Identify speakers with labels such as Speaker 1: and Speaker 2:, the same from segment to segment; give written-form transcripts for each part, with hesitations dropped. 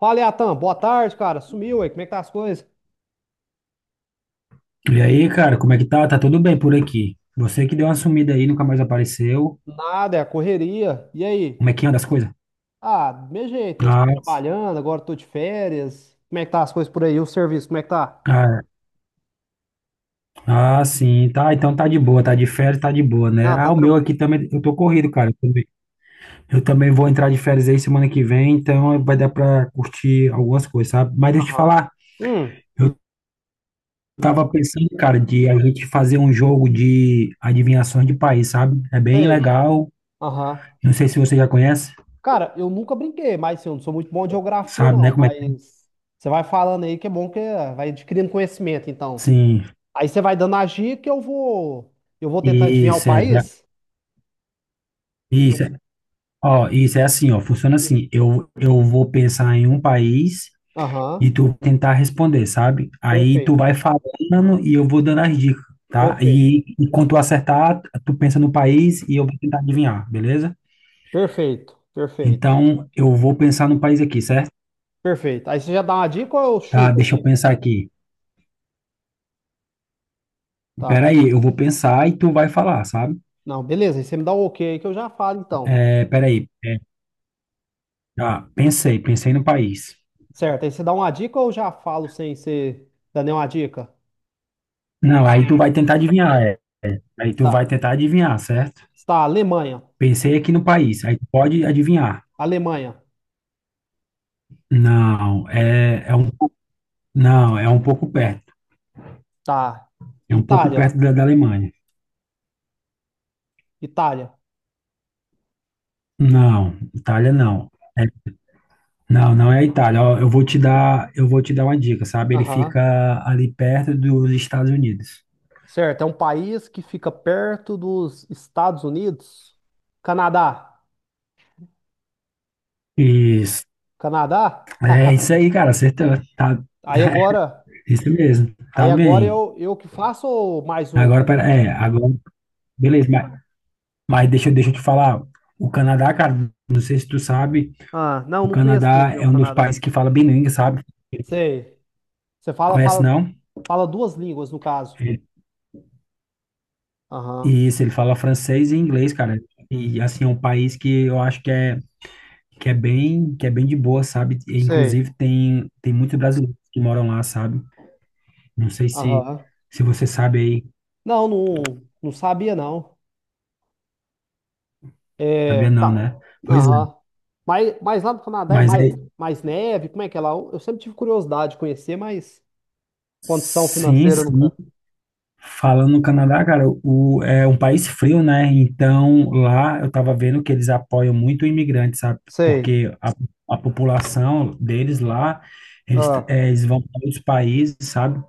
Speaker 1: Fala, Atan, boa tarde, cara. Sumiu aí, como é que tá as coisas?
Speaker 2: E aí, cara, como é que tá? Tá tudo bem por aqui? Você que deu uma sumida aí, nunca mais apareceu.
Speaker 1: Nada, é a correria. E aí?
Speaker 2: Como é que anda as coisas?
Speaker 1: Ah, do mesmo jeito, né? Só
Speaker 2: Ah,
Speaker 1: trabalhando, agora tô de férias. Como é que tá as coisas por aí? O serviço, como é que tá?
Speaker 2: ah, sim, tá. Então tá de boa, tá de férias, tá de boa, né?
Speaker 1: Ah, tá
Speaker 2: Ah, o meu aqui
Speaker 1: tranquilo.
Speaker 2: também, eu tô corrido, cara. Eu também vou entrar de férias aí semana que vem, então vai dar pra curtir algumas coisas, sabe? Mas deixa eu te
Speaker 1: Aham.
Speaker 2: falar,
Speaker 1: Hum,
Speaker 2: eu tava pensando, cara, de a gente fazer um jogo de adivinhações de país, sabe? É bem
Speaker 1: sei.
Speaker 2: legal.
Speaker 1: Aham.
Speaker 2: Não sei se você já conhece,
Speaker 1: Cara, eu nunca brinquei, mas assim, eu não sou muito bom de geografia,
Speaker 2: sabe,
Speaker 1: não.
Speaker 2: né? Como é que.
Speaker 1: Mas você vai falando aí que é bom, que é, vai adquirindo conhecimento, então.
Speaker 2: Sim,
Speaker 1: Aí você vai dando a dica e eu vou. Eu vou tentar adivinhar o
Speaker 2: isso,
Speaker 1: país?
Speaker 2: isso, ó, isso é assim, ó, funciona
Speaker 1: Hum.
Speaker 2: assim. Eu vou pensar em um país
Speaker 1: Aham.
Speaker 2: e tu tentar responder, sabe? Aí tu
Speaker 1: Perfeito,
Speaker 2: vai falando e eu vou dando as dicas, tá?
Speaker 1: perfeito.
Speaker 2: E quando tu acertar, tu pensa no país e eu vou tentar adivinhar, beleza?
Speaker 1: Perfeito, perfeito,
Speaker 2: Então, eu vou pensar no país aqui, certo?
Speaker 1: perfeito. Aí você já dá uma dica ou eu
Speaker 2: Tá,
Speaker 1: chuto
Speaker 2: deixa eu
Speaker 1: aqui?
Speaker 2: pensar aqui.
Speaker 1: Tá.
Speaker 2: Peraí, eu vou pensar e tu vai falar, sabe?
Speaker 1: Não, beleza. Aí você me dá o ok aí que eu já falo então.
Speaker 2: É, peraí. Tá, pensei no país.
Speaker 1: Certo. Aí você dá uma dica ou eu já falo sem você dar nenhuma dica?
Speaker 2: Não, aí tu vai tentar adivinhar, é. Aí tu
Speaker 1: Tá.
Speaker 2: vai tentar adivinhar, certo?
Speaker 1: Está Alemanha.
Speaker 2: Pensei aqui no país, aí tu pode adivinhar.
Speaker 1: Alemanha.
Speaker 2: Não, é, é um, pou- não, é um pouco perto.
Speaker 1: Tá.
Speaker 2: É um pouco
Speaker 1: Itália.
Speaker 2: perto da Alemanha.
Speaker 1: Itália.
Speaker 2: Não, Itália não. É- não, não é a Itália. Ó, eu vou te dar uma dica, sabe? Ele
Speaker 1: Aham.
Speaker 2: fica ali perto dos Estados Unidos.
Speaker 1: Certo. É um país que fica perto dos Estados Unidos. Canadá.
Speaker 2: Isso.
Speaker 1: Canadá?
Speaker 2: É isso aí, cara. Acertou. Tá,
Speaker 1: Aí agora,
Speaker 2: isso mesmo.
Speaker 1: aí
Speaker 2: Tá
Speaker 1: agora
Speaker 2: bem.
Speaker 1: eu que faço ou mais um?
Speaker 2: Agora, pera, é, agora, beleza, mas, deixa eu te falar. O Canadá, cara, não sei se tu sabe,
Speaker 1: Ah, não,
Speaker 2: o
Speaker 1: não conheço
Speaker 2: Canadá
Speaker 1: muito meu
Speaker 2: é um dos
Speaker 1: Canadá.
Speaker 2: países que fala bilíngue, sabe?
Speaker 1: Sei. Você fala,
Speaker 2: Conhece,
Speaker 1: fala,
Speaker 2: não?
Speaker 1: fala duas línguas, no caso. Aham.
Speaker 2: Isso, ele fala francês e inglês, cara. E assim, é um país que eu acho que é bem de boa, sabe? E
Speaker 1: Sei.
Speaker 2: inclusive tem muitos brasileiros que moram lá, sabe? Não sei se
Speaker 1: Aham.
Speaker 2: você sabe aí,
Speaker 1: Não, não, não sabia, não. É,
Speaker 2: sabia não,
Speaker 1: tá.
Speaker 2: né? Pois
Speaker 1: Aham.
Speaker 2: é.
Speaker 1: Mas lá no Canadá é
Speaker 2: Mas
Speaker 1: mais,
Speaker 2: é
Speaker 1: mais neve? Como é que é lá? Eu sempre tive curiosidade de conhecer, mas condição
Speaker 2: sim,
Speaker 1: financeira
Speaker 2: sim.
Speaker 1: nunca.
Speaker 2: Falando no Canadá, cara, o é um país frio, né? Então lá eu tava vendo que eles apoiam muito o imigrante, sabe?
Speaker 1: Sei.
Speaker 2: Porque a população deles lá
Speaker 1: Ah.
Speaker 2: eles vão para outros países, sabe?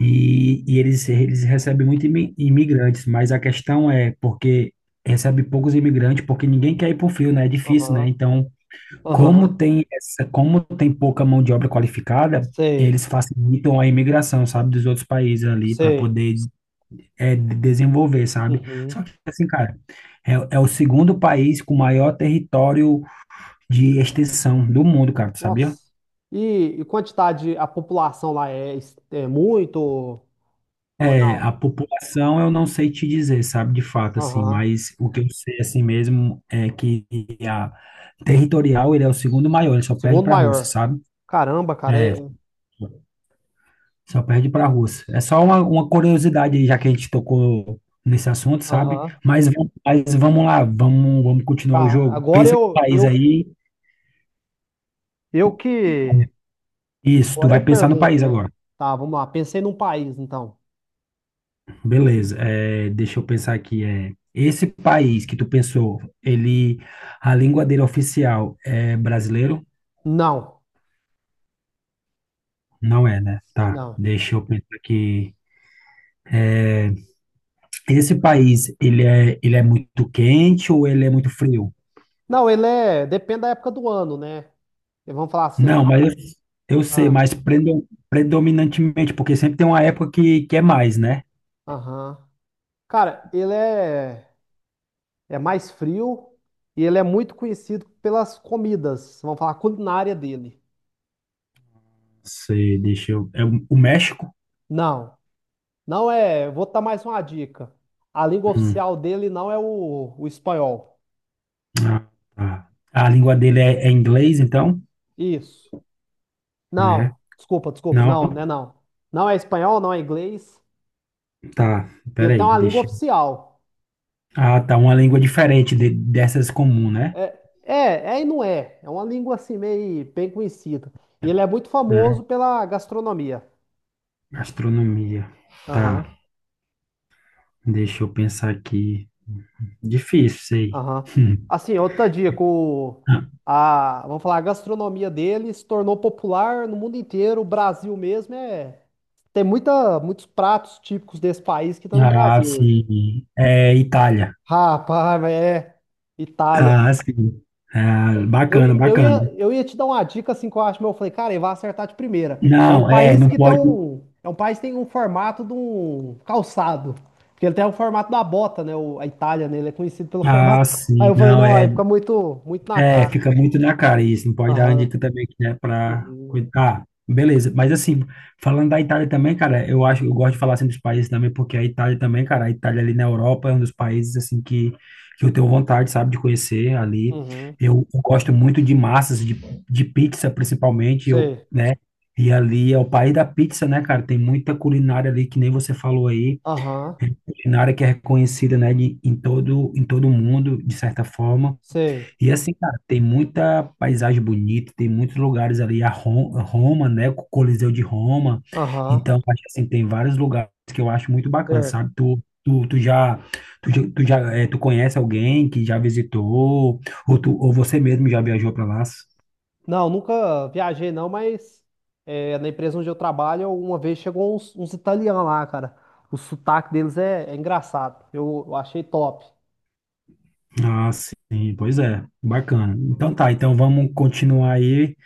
Speaker 2: E, eles recebem muito imigrantes, mas a questão é porque recebe poucos imigrantes, porque ninguém quer ir para o frio, né? É difícil, né?
Speaker 1: Aham.
Speaker 2: Então,
Speaker 1: Aham.
Speaker 2: como tem pouca mão de obra qualificada,
Speaker 1: Sei.
Speaker 2: eles facilitam a imigração, sabe, dos outros países ali para
Speaker 1: Sei.
Speaker 2: poder desenvolver, sabe? Só
Speaker 1: Uhum.
Speaker 2: que assim, cara, é o segundo país com maior território de extensão do mundo, cara, tu sabia?
Speaker 1: Nossa. E, e quantidade, a população lá é, é muito ou
Speaker 2: É,
Speaker 1: não?
Speaker 2: a população eu não sei te dizer, sabe, de fato, assim,
Speaker 1: Aham.
Speaker 2: mas o que eu sei, assim mesmo, é que a territorial, ele é o segundo maior, ele só perde
Speaker 1: Segundo
Speaker 2: para a Rússia,
Speaker 1: maior.
Speaker 2: sabe?
Speaker 1: Caramba, cara.
Speaker 2: É,
Speaker 1: É.
Speaker 2: só perde para a Rússia. É só uma curiosidade, aí, já que a gente tocou nesse assunto, sabe?
Speaker 1: Aham.
Speaker 2: Mas, mas vamos lá, vamos continuar o
Speaker 1: Tá,
Speaker 2: jogo.
Speaker 1: agora
Speaker 2: Pensa no
Speaker 1: eu,
Speaker 2: país
Speaker 1: eu,
Speaker 2: aí,
Speaker 1: eu que.
Speaker 2: isso, tu
Speaker 1: Agora eu
Speaker 2: vai pensar no
Speaker 1: pergunto,
Speaker 2: país
Speaker 1: né?
Speaker 2: agora.
Speaker 1: Tá, vamos lá. Pensei num país, então.
Speaker 2: Beleza, é, deixa eu pensar aqui. É, esse país que tu pensou, ele, a língua dele oficial é brasileiro?
Speaker 1: Não,
Speaker 2: Não é, né? Tá,
Speaker 1: não.
Speaker 2: deixa eu pensar aqui. Esse país, ele é muito quente ou ele é muito frio?
Speaker 1: Não, ele é. Depende da época do ano, né? E vamos falar assim.
Speaker 2: Não, mas eu sei,
Speaker 1: Ah,
Speaker 2: mas predominantemente, porque sempre tem uma época que é mais, né?
Speaker 1: aham. Cara, ele é, é mais frio e ele é muito conhecido pelas comidas. Vamos falar a culinária dele.
Speaker 2: Sei, deixa eu. É o México?
Speaker 1: Não, não é. Vou dar mais uma dica. A língua
Speaker 2: Hum,
Speaker 1: oficial dele não é o espanhol.
Speaker 2: ah, tá. A língua dele é, é inglês, então?
Speaker 1: Isso. Não,
Speaker 2: É.
Speaker 1: desculpa, desculpa. Não, né?
Speaker 2: Não?
Speaker 1: Não. Não é espanhol, não é inglês.
Speaker 2: Tá,
Speaker 1: E ele tem
Speaker 2: peraí,
Speaker 1: uma língua
Speaker 2: deixa.
Speaker 1: oficial.
Speaker 2: Ah, tá. Uma língua diferente dessas comum, né?
Speaker 1: É, é, é e não é. É uma língua assim meio bem conhecida. E ele é muito
Speaker 2: É.
Speaker 1: famoso pela gastronomia.
Speaker 2: Gastronomia. Tá.
Speaker 1: Aham,
Speaker 2: Deixa eu pensar aqui. Difícil, sei.
Speaker 1: aham. Assim, outra dica, o, a, vamos falar, a gastronomia dele se tornou popular no mundo inteiro. O Brasil mesmo é. Tem muita, muitos pratos típicos desse país que estão no
Speaker 2: Ah,
Speaker 1: Brasil hoje.
Speaker 2: sim. É Itália.
Speaker 1: Rapaz, mas é. Itália.
Speaker 2: Ah, sim. Ah, bacana, bacana.
Speaker 1: Eu ia te dar uma dica assim que eu acho, mas eu falei, cara, ele vai acertar de primeira. É um
Speaker 2: Não, é,
Speaker 1: país
Speaker 2: não
Speaker 1: que tem
Speaker 2: pode.
Speaker 1: um, é um país que tem um formato de um calçado, porque ele tem o formato da bota, né? O- a Itália, né? Ele é conhecido pelo formato.
Speaker 2: Ah,
Speaker 1: Aí
Speaker 2: sim,
Speaker 1: eu falei,
Speaker 2: não,
Speaker 1: não, aí
Speaker 2: é.
Speaker 1: fica muito, muito na
Speaker 2: É,
Speaker 1: cara.
Speaker 2: fica muito na cara isso. Não pode dar uma
Speaker 1: Aham.
Speaker 2: dica também que é para
Speaker 1: Uhum.
Speaker 2: cuidar. Ah, beleza. Mas assim, falando da Itália também, cara, eu acho, eu gosto de falar assim dos países também, porque a Itália também, cara, a Itália ali na Europa é um dos países assim que eu tenho vontade, sabe, de conhecer ali.
Speaker 1: Uhum.
Speaker 2: Eu gosto muito de massas, de pizza principalmente, eu,
Speaker 1: Sei.
Speaker 2: né? E ali é o país da pizza, né, cara? Tem muita culinária ali que nem você falou aí,
Speaker 1: Aham.
Speaker 2: culinária que é reconhecida, né, de, em todo mundo, de certa forma.
Speaker 1: Sei.
Speaker 2: E assim, cara, tem muita paisagem bonita, tem muitos lugares ali, a Roma, né, o Coliseu de Roma.
Speaker 1: Aham.
Speaker 2: Então, acho que, assim, tem vários lugares que eu acho muito bacana,
Speaker 1: Certo.
Speaker 2: sabe? Tu já, eh, tu conhece alguém que já visitou, ou, tu, ou você mesmo já viajou para lá?
Speaker 1: Não, nunca viajei não, mas é, na empresa onde eu trabalho, uma vez chegou uns, uns italianos lá, cara. O sotaque deles é, é engraçado. Eu achei top.
Speaker 2: Ah, sim, pois é, bacana. Então tá, então vamos continuar aí.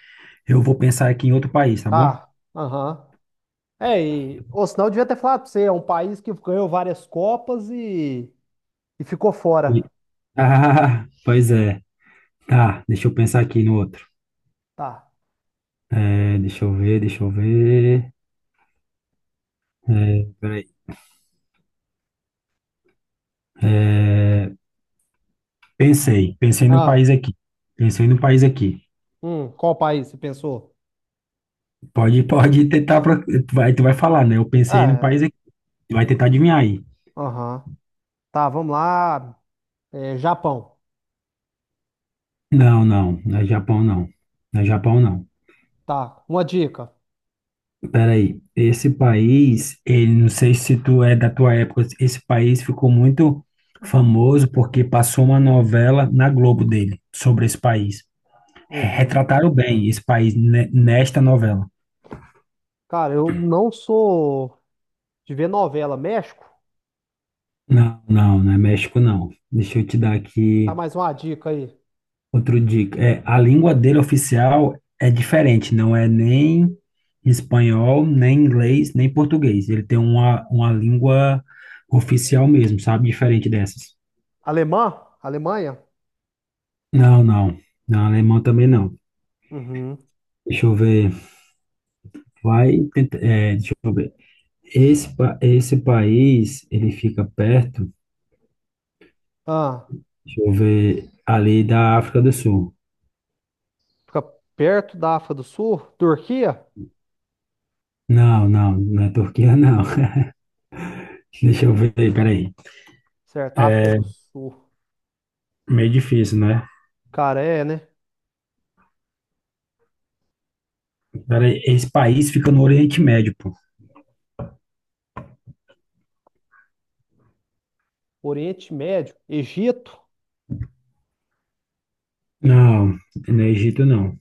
Speaker 2: Eu vou pensar aqui em outro país, tá bom?
Speaker 1: Tá, aham. É, e, ou senão eu devia ter falado pra você, é um país que ganhou várias copas e ficou
Speaker 2: E-
Speaker 1: fora.
Speaker 2: ah, pois é. Tá, deixa eu pensar aqui no outro.
Speaker 1: Tá.
Speaker 2: É, deixa eu ver. É, peraí. É, pensei num
Speaker 1: Ah,
Speaker 2: país aqui. Pensei num país aqui.
Speaker 1: qual país você pensou?
Speaker 2: Pode tentar. Tu vai, falar, né? Eu pensei num
Speaker 1: Ah,
Speaker 2: país aqui.
Speaker 1: é,
Speaker 2: Tu vai tentar adivinhar aí.
Speaker 1: aham. Tá, vamos lá. É, Japão.
Speaker 2: Não, não. Não é Japão, não. Não é Japão, não.
Speaker 1: Tá, uma dica.
Speaker 2: Peraí. Esse país, ele, não sei se tu é da tua época. Esse país ficou muito famoso porque passou uma novela na Globo dele sobre esse país.
Speaker 1: Uhum.
Speaker 2: Retrataram bem esse país nesta novela.
Speaker 1: Cara, eu não sou de ver novela. México?
Speaker 2: Não, não, não é México, não. Deixa eu te dar
Speaker 1: Tá,
Speaker 2: aqui
Speaker 1: mais uma dica aí.
Speaker 2: outro dica. É, a língua dele oficial é diferente, não é nem espanhol, nem inglês, nem português. Ele tem uma língua oficial mesmo, sabe? Diferente dessas.
Speaker 1: Alemã? Alemanha?
Speaker 2: Não, não. Não, alemão também não.
Speaker 1: Uhum.
Speaker 2: Deixa eu ver. Vai, tentar. É, deixa eu ver. Esse, esse país, ele fica perto,
Speaker 1: Ah,
Speaker 2: deixa eu ver, ali da África do Sul.
Speaker 1: fica perto da África do Sul? Turquia?
Speaker 2: Não, não, não é Turquia, não. Deixa eu ver, peraí.
Speaker 1: Certo, África
Speaker 2: É
Speaker 1: do Sul.
Speaker 2: meio difícil, né?
Speaker 1: Cara, é, né?
Speaker 2: Cara, esse país fica no Oriente Médio, pô.
Speaker 1: Oriente Médio, Egito?
Speaker 2: Não, no Egito não.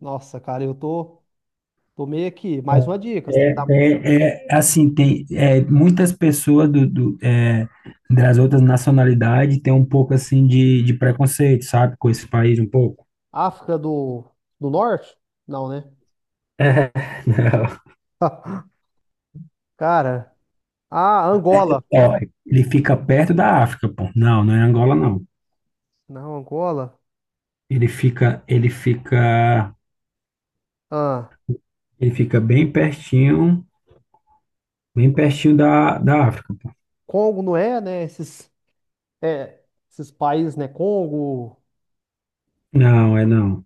Speaker 1: Nossa, cara, eu tô, tô meio aqui. Mais uma dica, você tem que dar.
Speaker 2: É assim, tem é, muitas pessoas das outras nacionalidades têm um pouco assim de preconceito, sabe? Com esse país um pouco.
Speaker 1: África do, do Norte? Não, né?
Speaker 2: É, não.
Speaker 1: Cara, ah, Angola.
Speaker 2: Ó, ele fica perto da África, pô. Não, não é Angola, não.
Speaker 1: Não, Angola.
Speaker 2: Ele fica, ele fica,
Speaker 1: Ah,
Speaker 2: ele fica bem pertinho da África, pô.
Speaker 1: Congo não é, né? Esses, é, esses países, né? Congo,
Speaker 2: Não, é não.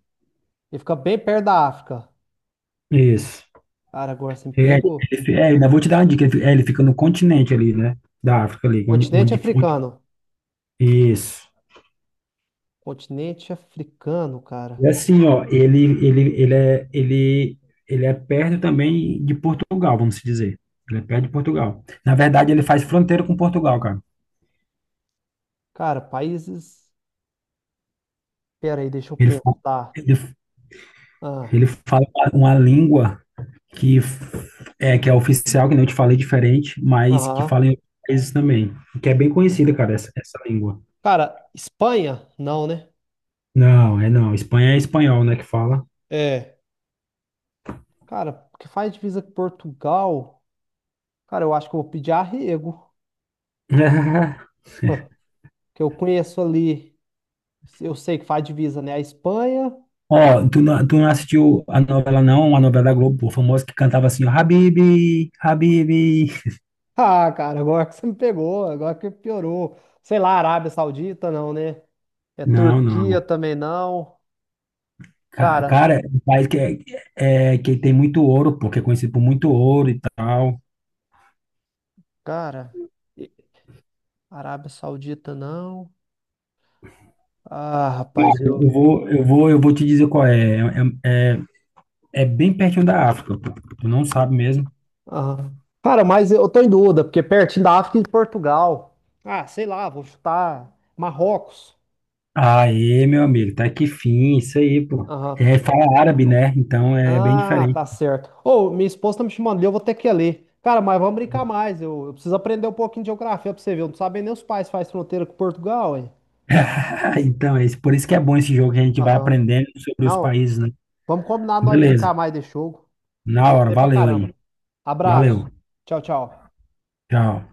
Speaker 1: ele fica bem perto da África.
Speaker 2: Isso.
Speaker 1: Cara, agora você me
Speaker 2: É,
Speaker 1: pegou.
Speaker 2: ainda vou te dar uma dica. Ele fica no continente ali, né? Da África ali,
Speaker 1: Continente
Speaker 2: onde-
Speaker 1: africano.
Speaker 2: isso.
Speaker 1: Continente africano, cara.
Speaker 2: E assim, ó, ele é perto também de Portugal, vamos dizer. Ele é perto de Portugal. Na verdade, ele faz fronteira com Portugal, cara.
Speaker 1: Cara, países. Pera aí, deixa eu
Speaker 2: Ele, fa-
Speaker 1: pensar.
Speaker 2: ele,
Speaker 1: Ah,
Speaker 2: ele fala uma língua que que é oficial, que nem eu te falei, diferente, mas que
Speaker 1: aham.
Speaker 2: fala em outros países também. Que é bem conhecida,
Speaker 1: Uhum.
Speaker 2: cara, essa língua.
Speaker 1: Cara, Espanha? Não, né?
Speaker 2: Não, é não. Espanha é espanhol, né, que fala.
Speaker 1: É. Cara, o que faz divisa com Portugal? Cara, eu acho que eu vou pedir arrego. Que eu conheço ali. Eu sei que faz divisa, né? A Espanha.
Speaker 2: Ó, tu não assistiu a novela, não? A novela da Globo, pô, famosa que cantava assim, ó, Habibi, Habibi.
Speaker 1: Ah, cara, agora que você me pegou. Agora que piorou. Sei lá, Arábia Saudita, não, né? É
Speaker 2: Não,
Speaker 1: Turquia
Speaker 2: não.
Speaker 1: também não. Cara.
Speaker 2: Cara, é um país que tem muito ouro, porque é conhecido por muito ouro e tal.
Speaker 1: Cara, e- Arábia Saudita não. Ah,
Speaker 2: Cara,
Speaker 1: rapaz, eu.
Speaker 2: Eu vou te dizer qual é. É, é, é é bem pertinho da África, pô. Tu não sabe mesmo.
Speaker 1: Ah. Cara, mas eu tô em dúvida, porque é pertinho da África e de Portugal. Ah, sei lá, vou chutar Marrocos.
Speaker 2: Aê, meu amigo, tá que fim, isso aí, pô.
Speaker 1: Aham.
Speaker 2: É, fala árabe, né? Então é bem
Speaker 1: Ah,
Speaker 2: diferente.
Speaker 1: tá certo. Ô, minha esposa tá me chamando ali, eu vou ter que ir ali. Cara, mas vamos brincar mais. Eu preciso aprender um pouquinho de geografia pra você ver. Eu não sabia nem os pais faz fronteira com Portugal, hein?
Speaker 2: Então, é isso, por isso que é bom esse jogo que a gente vai
Speaker 1: Aham.
Speaker 2: aprendendo sobre os
Speaker 1: Não,
Speaker 2: países, né?
Speaker 1: vamos combinar nós brincar
Speaker 2: Beleza.
Speaker 1: mais desse jogo. Eu
Speaker 2: Na hora,
Speaker 1: gostei pra
Speaker 2: valeu aí.
Speaker 1: caramba.
Speaker 2: Valeu.
Speaker 1: Abraço. Tchau, tchau.
Speaker 2: Tchau.